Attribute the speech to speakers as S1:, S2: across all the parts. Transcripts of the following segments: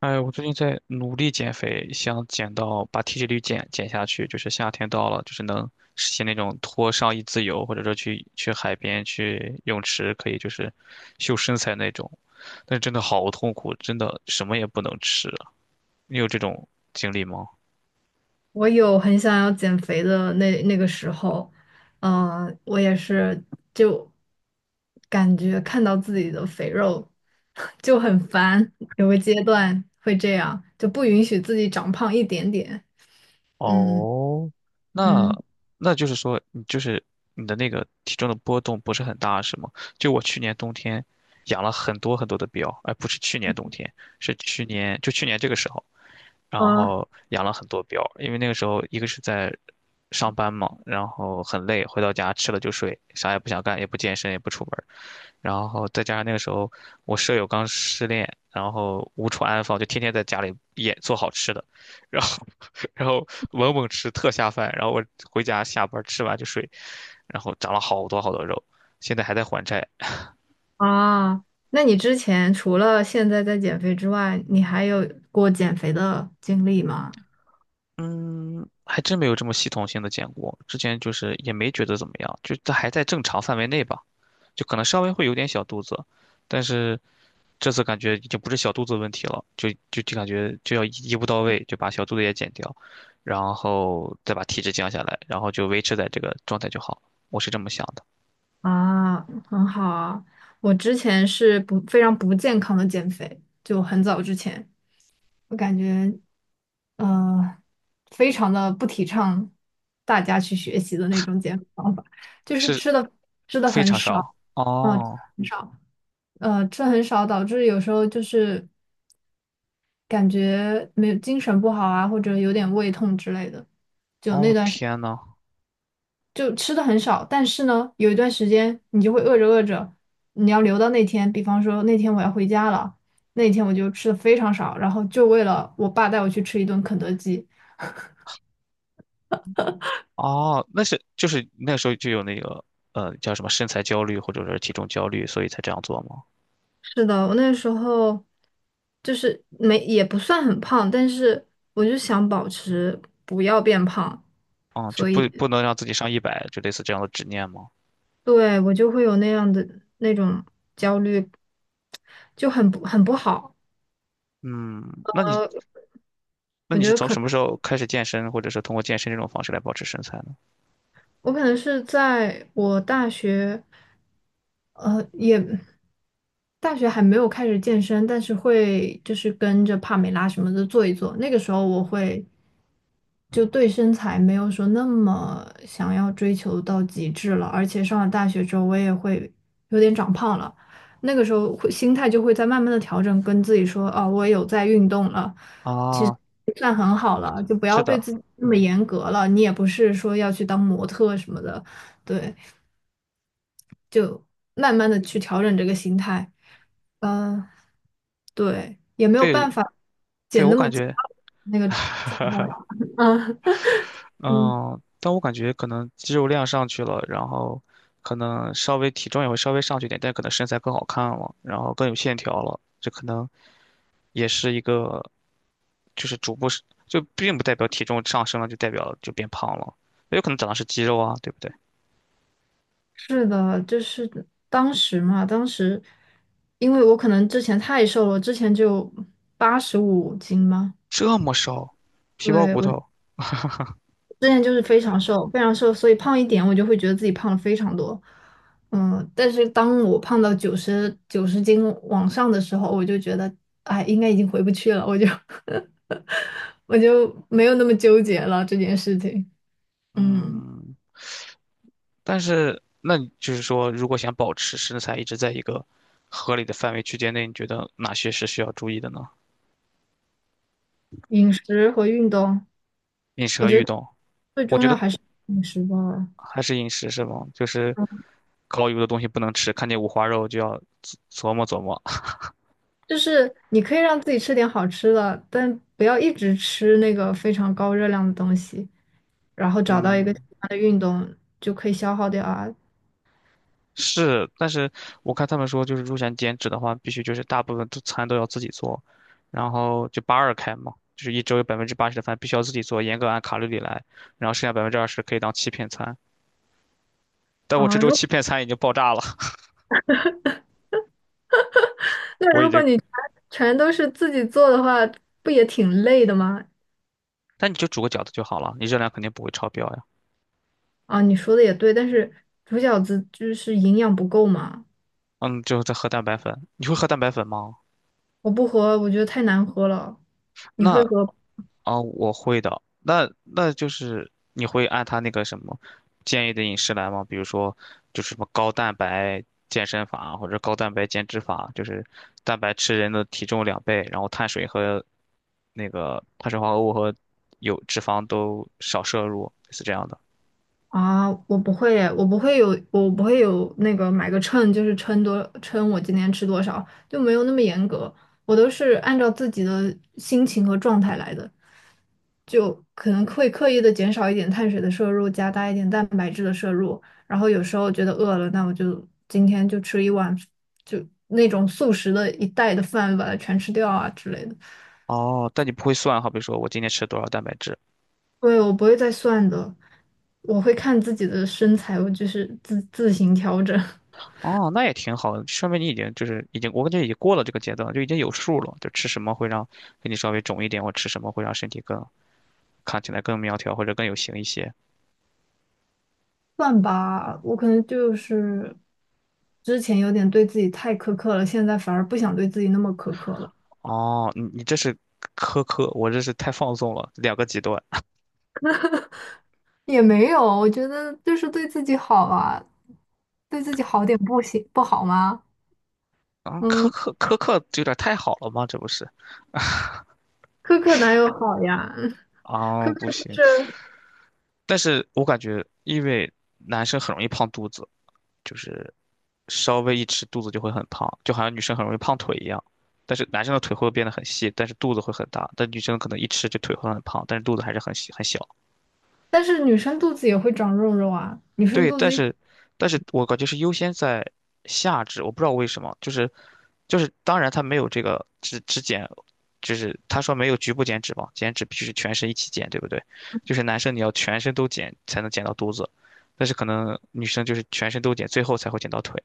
S1: 哎，我最近在努力减肥，想减到把体脂率减下去，就是夏天到了，就是能实现那种脱上衣自由，或者说去海边、去泳池，可以就是秀身材那种。但是真的好痛苦，真的什么也不能吃啊。你有这种经历吗？
S2: 我有很想要减肥的那个时候，嗯、我也是就感觉看到自己的肥肉 就很烦，有个阶段会这样，就不允许自己长胖一点点。嗯
S1: 哦，那
S2: 嗯，
S1: 那就是说，你就是你的那个体重的波动不是很大，是吗？就我去年冬天养了很多很多的膘，哎，不是去年冬天，是去年这个时候。然
S2: 啊
S1: 后养了很多膘，因为那个时候一个是在上班嘛，然后很累，回到家吃了就睡，啥也不想干，也不健身，也不出门儿。然后再加上那个时候我舍友刚失恋，然后无处安放，就天天在家里也做好吃的，然后 然后猛猛吃特下饭，然后我回家下班吃完就睡，然后长了好多好多肉，现在还在还债。
S2: 啊，那你之前除了现在在减肥之外，你还有过减肥的经历吗？
S1: 嗯，还真没有这么系统性的减过，之前就是也没觉得怎么样，就这还在正常范围内吧。就可能稍微会有点小肚子，但是这次感觉已经不是小肚子问题了，就感觉就要一步到位，就把小肚子也减掉，然后再把体脂降下来，然后就维持在这个状态就好了。我是这么想的。
S2: 啊，很好啊。我之前是不非常不健康的减肥，就很早之前。我感觉，呃，非常的不提倡大家去学习的那种减肥方法，就是
S1: 是，
S2: 吃的
S1: 非
S2: 很
S1: 常
S2: 少，
S1: 少。
S2: 嗯，吃的
S1: 哦
S2: 很少，吃的很少，导致有时候就是感觉没有精神不好啊，或者有点胃痛之类的。就那
S1: 哦，
S2: 段时
S1: 天呐。
S2: 就吃的很少，但是呢，有一段时间你就会饿着饿着，你要留到那天，比方说那天我要回家了，那天我就吃的非常少，然后就为了我爸带我去吃一顿肯德基。
S1: 哦，那是就是那时候就有那个叫什么身材焦虑或者是体重焦虑，所以才这样做吗？
S2: 是的，我那时候就是没也不算很胖，但是我就想保持不要变胖，
S1: 嗯，就
S2: 所
S1: 不
S2: 以
S1: 不能让自己上一百，就类似这样的执念吗？
S2: 对我就会有那样的那种焦虑，就很不好。
S1: 嗯，那你
S2: 呃，我觉
S1: 是
S2: 得
S1: 从
S2: 可
S1: 什
S2: 能
S1: 么时候开始健身，或者是通过健身这种方式来保持身材呢？
S2: 我可能是在我大学，呃，也大学还没有开始健身，但是会就是跟着帕梅拉什么的做一做。那个时候我会就对身材没有说那么想要追求到极致了，而且上了大学之后，我也会有点长胖了。那个时候会心态就会在慢慢的调整，跟自己说，哦，我有在运动了，其实
S1: 啊，
S2: 也算很好了，就不
S1: 是
S2: 要对
S1: 的。
S2: 自己那么严格了。你也不是说要去当模特什么的，对，就慢慢的去调整这个心态。嗯、对，也没有
S1: 对，
S2: 办法
S1: 对，
S2: 减
S1: 我
S2: 那么
S1: 感
S2: 减
S1: 觉，
S2: 那个状态了。嗯嗯。
S1: 嗯，但我感觉可能肌肉量上去了，然后可能稍微体重也会稍微上去一点，但可能身材更好看了，然后更有线条了，这可能也是一个，就是逐步是，就并不代表体重上升了就代表就变胖了，也有可能长的是肌肉啊，对不对？
S2: 是的，就是当时嘛，当时因为我可能之前太瘦了，之前就八十五斤嘛，
S1: 这么瘦，皮包
S2: 对，
S1: 骨
S2: 我
S1: 头。
S2: 之前就是非常瘦，非常瘦，所以胖一点我就会觉得自己胖了非常多。嗯，但是当我胖到九十斤往上的时候，我就觉得，哎，应该已经回不去了，我就 我就没有那么纠结了这件事情。嗯，
S1: 嗯。但是那你就是说，如果想保持身材一直在一个合理的范围区间内，你觉得哪些是需要注意的呢？
S2: 饮食和运动，
S1: 饮食
S2: 我
S1: 和
S2: 觉
S1: 运
S2: 得
S1: 动，我觉得
S2: 饮食吧。
S1: 还是饮食是吗？就是高油的东西不能吃，看见五花肉就要琢磨琢磨。
S2: 就是你可以让自己吃点好吃的，但不要一直吃那个非常高热量的东西，然后找到一个喜
S1: 嗯，
S2: 欢的运动就可以消耗掉啊。
S1: 是，但是我看他们说，就是如果想减脂的话，必须就是大部分都餐都要自己做，然后就八二开嘛，就是一周有80%的饭必须要自己做，严格按卡路里来，然后剩下百分之二十可以当欺骗餐。但我这
S2: 啊！
S1: 周欺骗餐已经爆炸了。我已
S2: 如果
S1: 经，
S2: 你全全都是自己做的话，不也挺累的吗？
S1: 那你就煮个饺子就好了，你热量肯定不会超标呀。
S2: 啊，你说的也对，但是煮饺子就是营养不够嘛。
S1: 嗯，就后再喝蛋白粉，你会喝蛋白粉吗？
S2: 我不喝，我觉得太难喝了。你
S1: 那
S2: 会喝？
S1: 啊、我会的。那就是你会按他那个什么建议的饮食来吗？比如说，就是什么高蛋白健身法或者高蛋白减脂法，就是蛋白吃人的体重两倍，然后碳水和那个碳水化合物和有脂肪都少摄入，是这样的。
S2: 啊，我不会有那个买个秤，就是称我今天吃多少，就没有那么严格。我都是按照自己的心情和状态来的，就可能会刻意的减少一点碳水的摄入，加大一点蛋白质的摄入。然后有时候觉得饿了，那我就今天就吃一碗，就那种速食的一袋的饭，把它全吃掉啊之类的。
S1: 哦，但你不会算，好比说我今天吃多少蛋白质，
S2: 对，我不会再算的，我会看自己的身材，我就是自行调整。
S1: 哦，那也挺好的，说明你已经就是已经，我感觉已经过了这个阶段，就已经有数了，就吃什么会让给你稍微肿一点，或吃什么会让身体更看起来更苗条或者更有型一些。
S2: 算吧，我可能就是之前有点对自己太苛刻了，现在反而不想对自己那么苛刻了。
S1: 哦，你这是苛刻，我这是太放纵了，两个极端
S2: 也没有，我觉得就是对自己好啊，对自己好点不行不好吗？
S1: 啊，苛
S2: 嗯，
S1: 刻苛刻这有点太好了吗？这不是
S2: 苛刻哪有好呀？
S1: 啊，
S2: 苛
S1: 不
S2: 刻就
S1: 行，
S2: 是，
S1: 但是我感觉因为男生很容易胖肚子。就是稍微一吃肚子就会很胖，就好像女生很容易胖腿一样。但是男生的腿会变得很细，但是肚子会很大。但女生可能一吃就腿会很胖，但是肚子还是很细很小。
S2: 但是女生肚子也会长肉肉啊。女生
S1: 对，
S2: 肚
S1: 但
S2: 子一
S1: 是，但是我感觉是优先在下肢，我不知道为什么，就是，当然他没有这个只减，就是他说没有局部减脂嘛，减脂必须是全身一起减，对不对？就是男生你要全身都减才能减到肚子，但是可能女生就是全身都减，最后才会减到腿。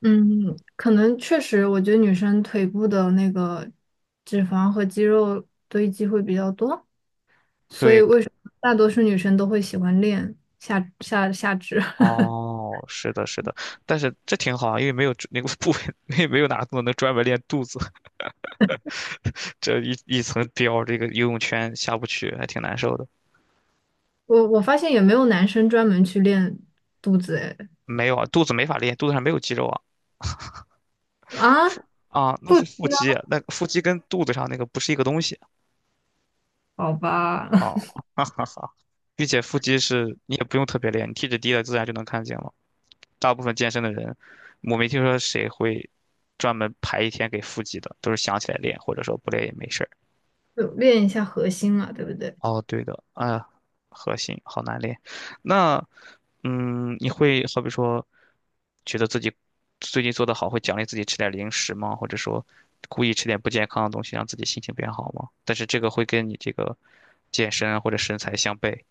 S2: 嗯，可能确实，我觉得女生腿部的那个脂肪和肌肉堆积会比较多，所以
S1: 对，
S2: 为什么大多数女生都会喜欢练下肢？
S1: 哦，是的，是的，但是这挺好啊，因为没有那个部位，没有哪个动作能专门练肚子，这一层膘，这个游泳圈下不去，还挺难受的。
S2: 我我发现也没有男生专门去练肚子，哎，
S1: 没有啊，肚子没法练，肚子上没有肌肉啊。
S2: 啊，
S1: 腹啊，那
S2: 不
S1: 是
S2: 知
S1: 腹肌，
S2: 道，
S1: 那腹肌跟肚子上那个不是一个东西
S2: 好吧，
S1: 哦，哈哈哈。并且腹肌是你也不用特别练，你体脂低了自然就能看见了。大部分健身的人，我没听说谁会专门排一天给腹肌的，都是想起来练，或者说不练也没事儿。
S2: 就练一下核心嘛，对不对？
S1: 哦，对的，啊，核心好难练。那，嗯，你会好比说，觉得自己最近做得好，会奖励自己吃点零食吗？或者说，故意吃点不健康的东西，让自己心情变好吗？但是这个会跟你这个健身啊或者身材相悖。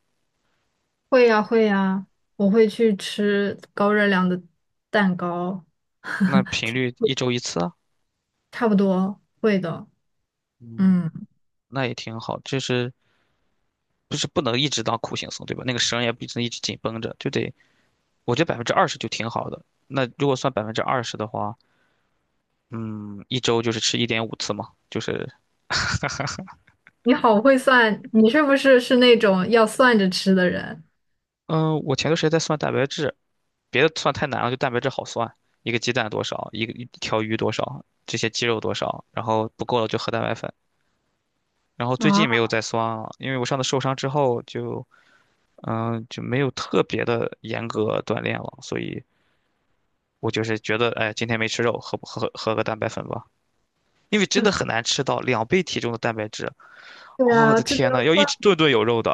S2: 会呀、会呀、我会去吃高热量的蛋糕，
S1: 那频 率一周一次啊，
S2: 差不多会的。
S1: 嗯，
S2: 嗯，
S1: 那也挺好。就是不是不能一直当苦行僧，对吧？那个绳也不能一直紧绷着，就得，我觉得百分之二十就挺好的。那如果算百分之二十的话。嗯，一周就是吃1.5次嘛，就是，
S2: 你好会算，你是不是那种要算着吃的人
S1: 嗯，我前段时间在算蛋白质，别的算太难了，就蛋白质好算，一个鸡蛋多少，一条鱼多少，这些鸡肉多少，然后不够了就喝蛋白粉。然后最
S2: 啊？
S1: 近没有 再算了，因为我上次受伤之后就，嗯，就没有特别的严格锻炼了，所以我就是觉得，哎，今天没吃肉，喝个蛋白粉吧，因为真的很难吃到两倍体重的蛋白质。
S2: 对
S1: 哦，我
S2: 啊，
S1: 的
S2: 这个
S1: 天
S2: 要
S1: 呐，要一
S2: 算
S1: 直顿顿有肉的。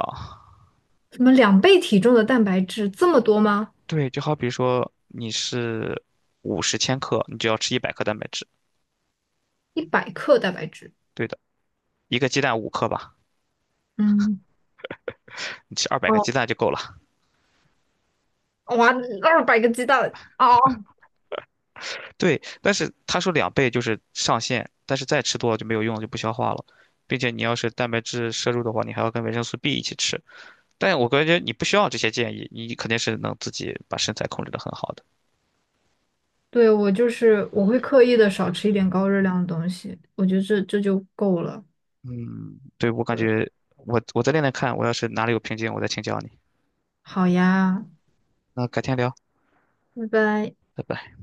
S2: 什么两倍体重的蛋白质这么多吗？
S1: 对，就好比说你是50千克，你就要吃100克蛋白质。
S2: 一百克蛋白质。
S1: 对的，一个鸡蛋5克吧，
S2: 嗯，
S1: 你吃200个
S2: 哦，
S1: 鸡蛋就够了。
S2: 哇，二百个鸡蛋哦。
S1: 对，但是他说两倍就是上限，但是再吃多了就没有用了，就不消化了。并且你要是蛋白质摄入的话，你还要跟维生素 B 一起吃。但我感觉你不需要这些建议，你肯定是能自己把身材控制的很好的。
S2: 对，我就是我会刻意的少吃一点高热量的东西，我觉得这就够了。
S1: 嗯，对，我感觉我再练练看，我要是哪里有瓶颈，我再请教你。
S2: 好呀，
S1: 那改天聊，
S2: 拜拜。
S1: 拜拜。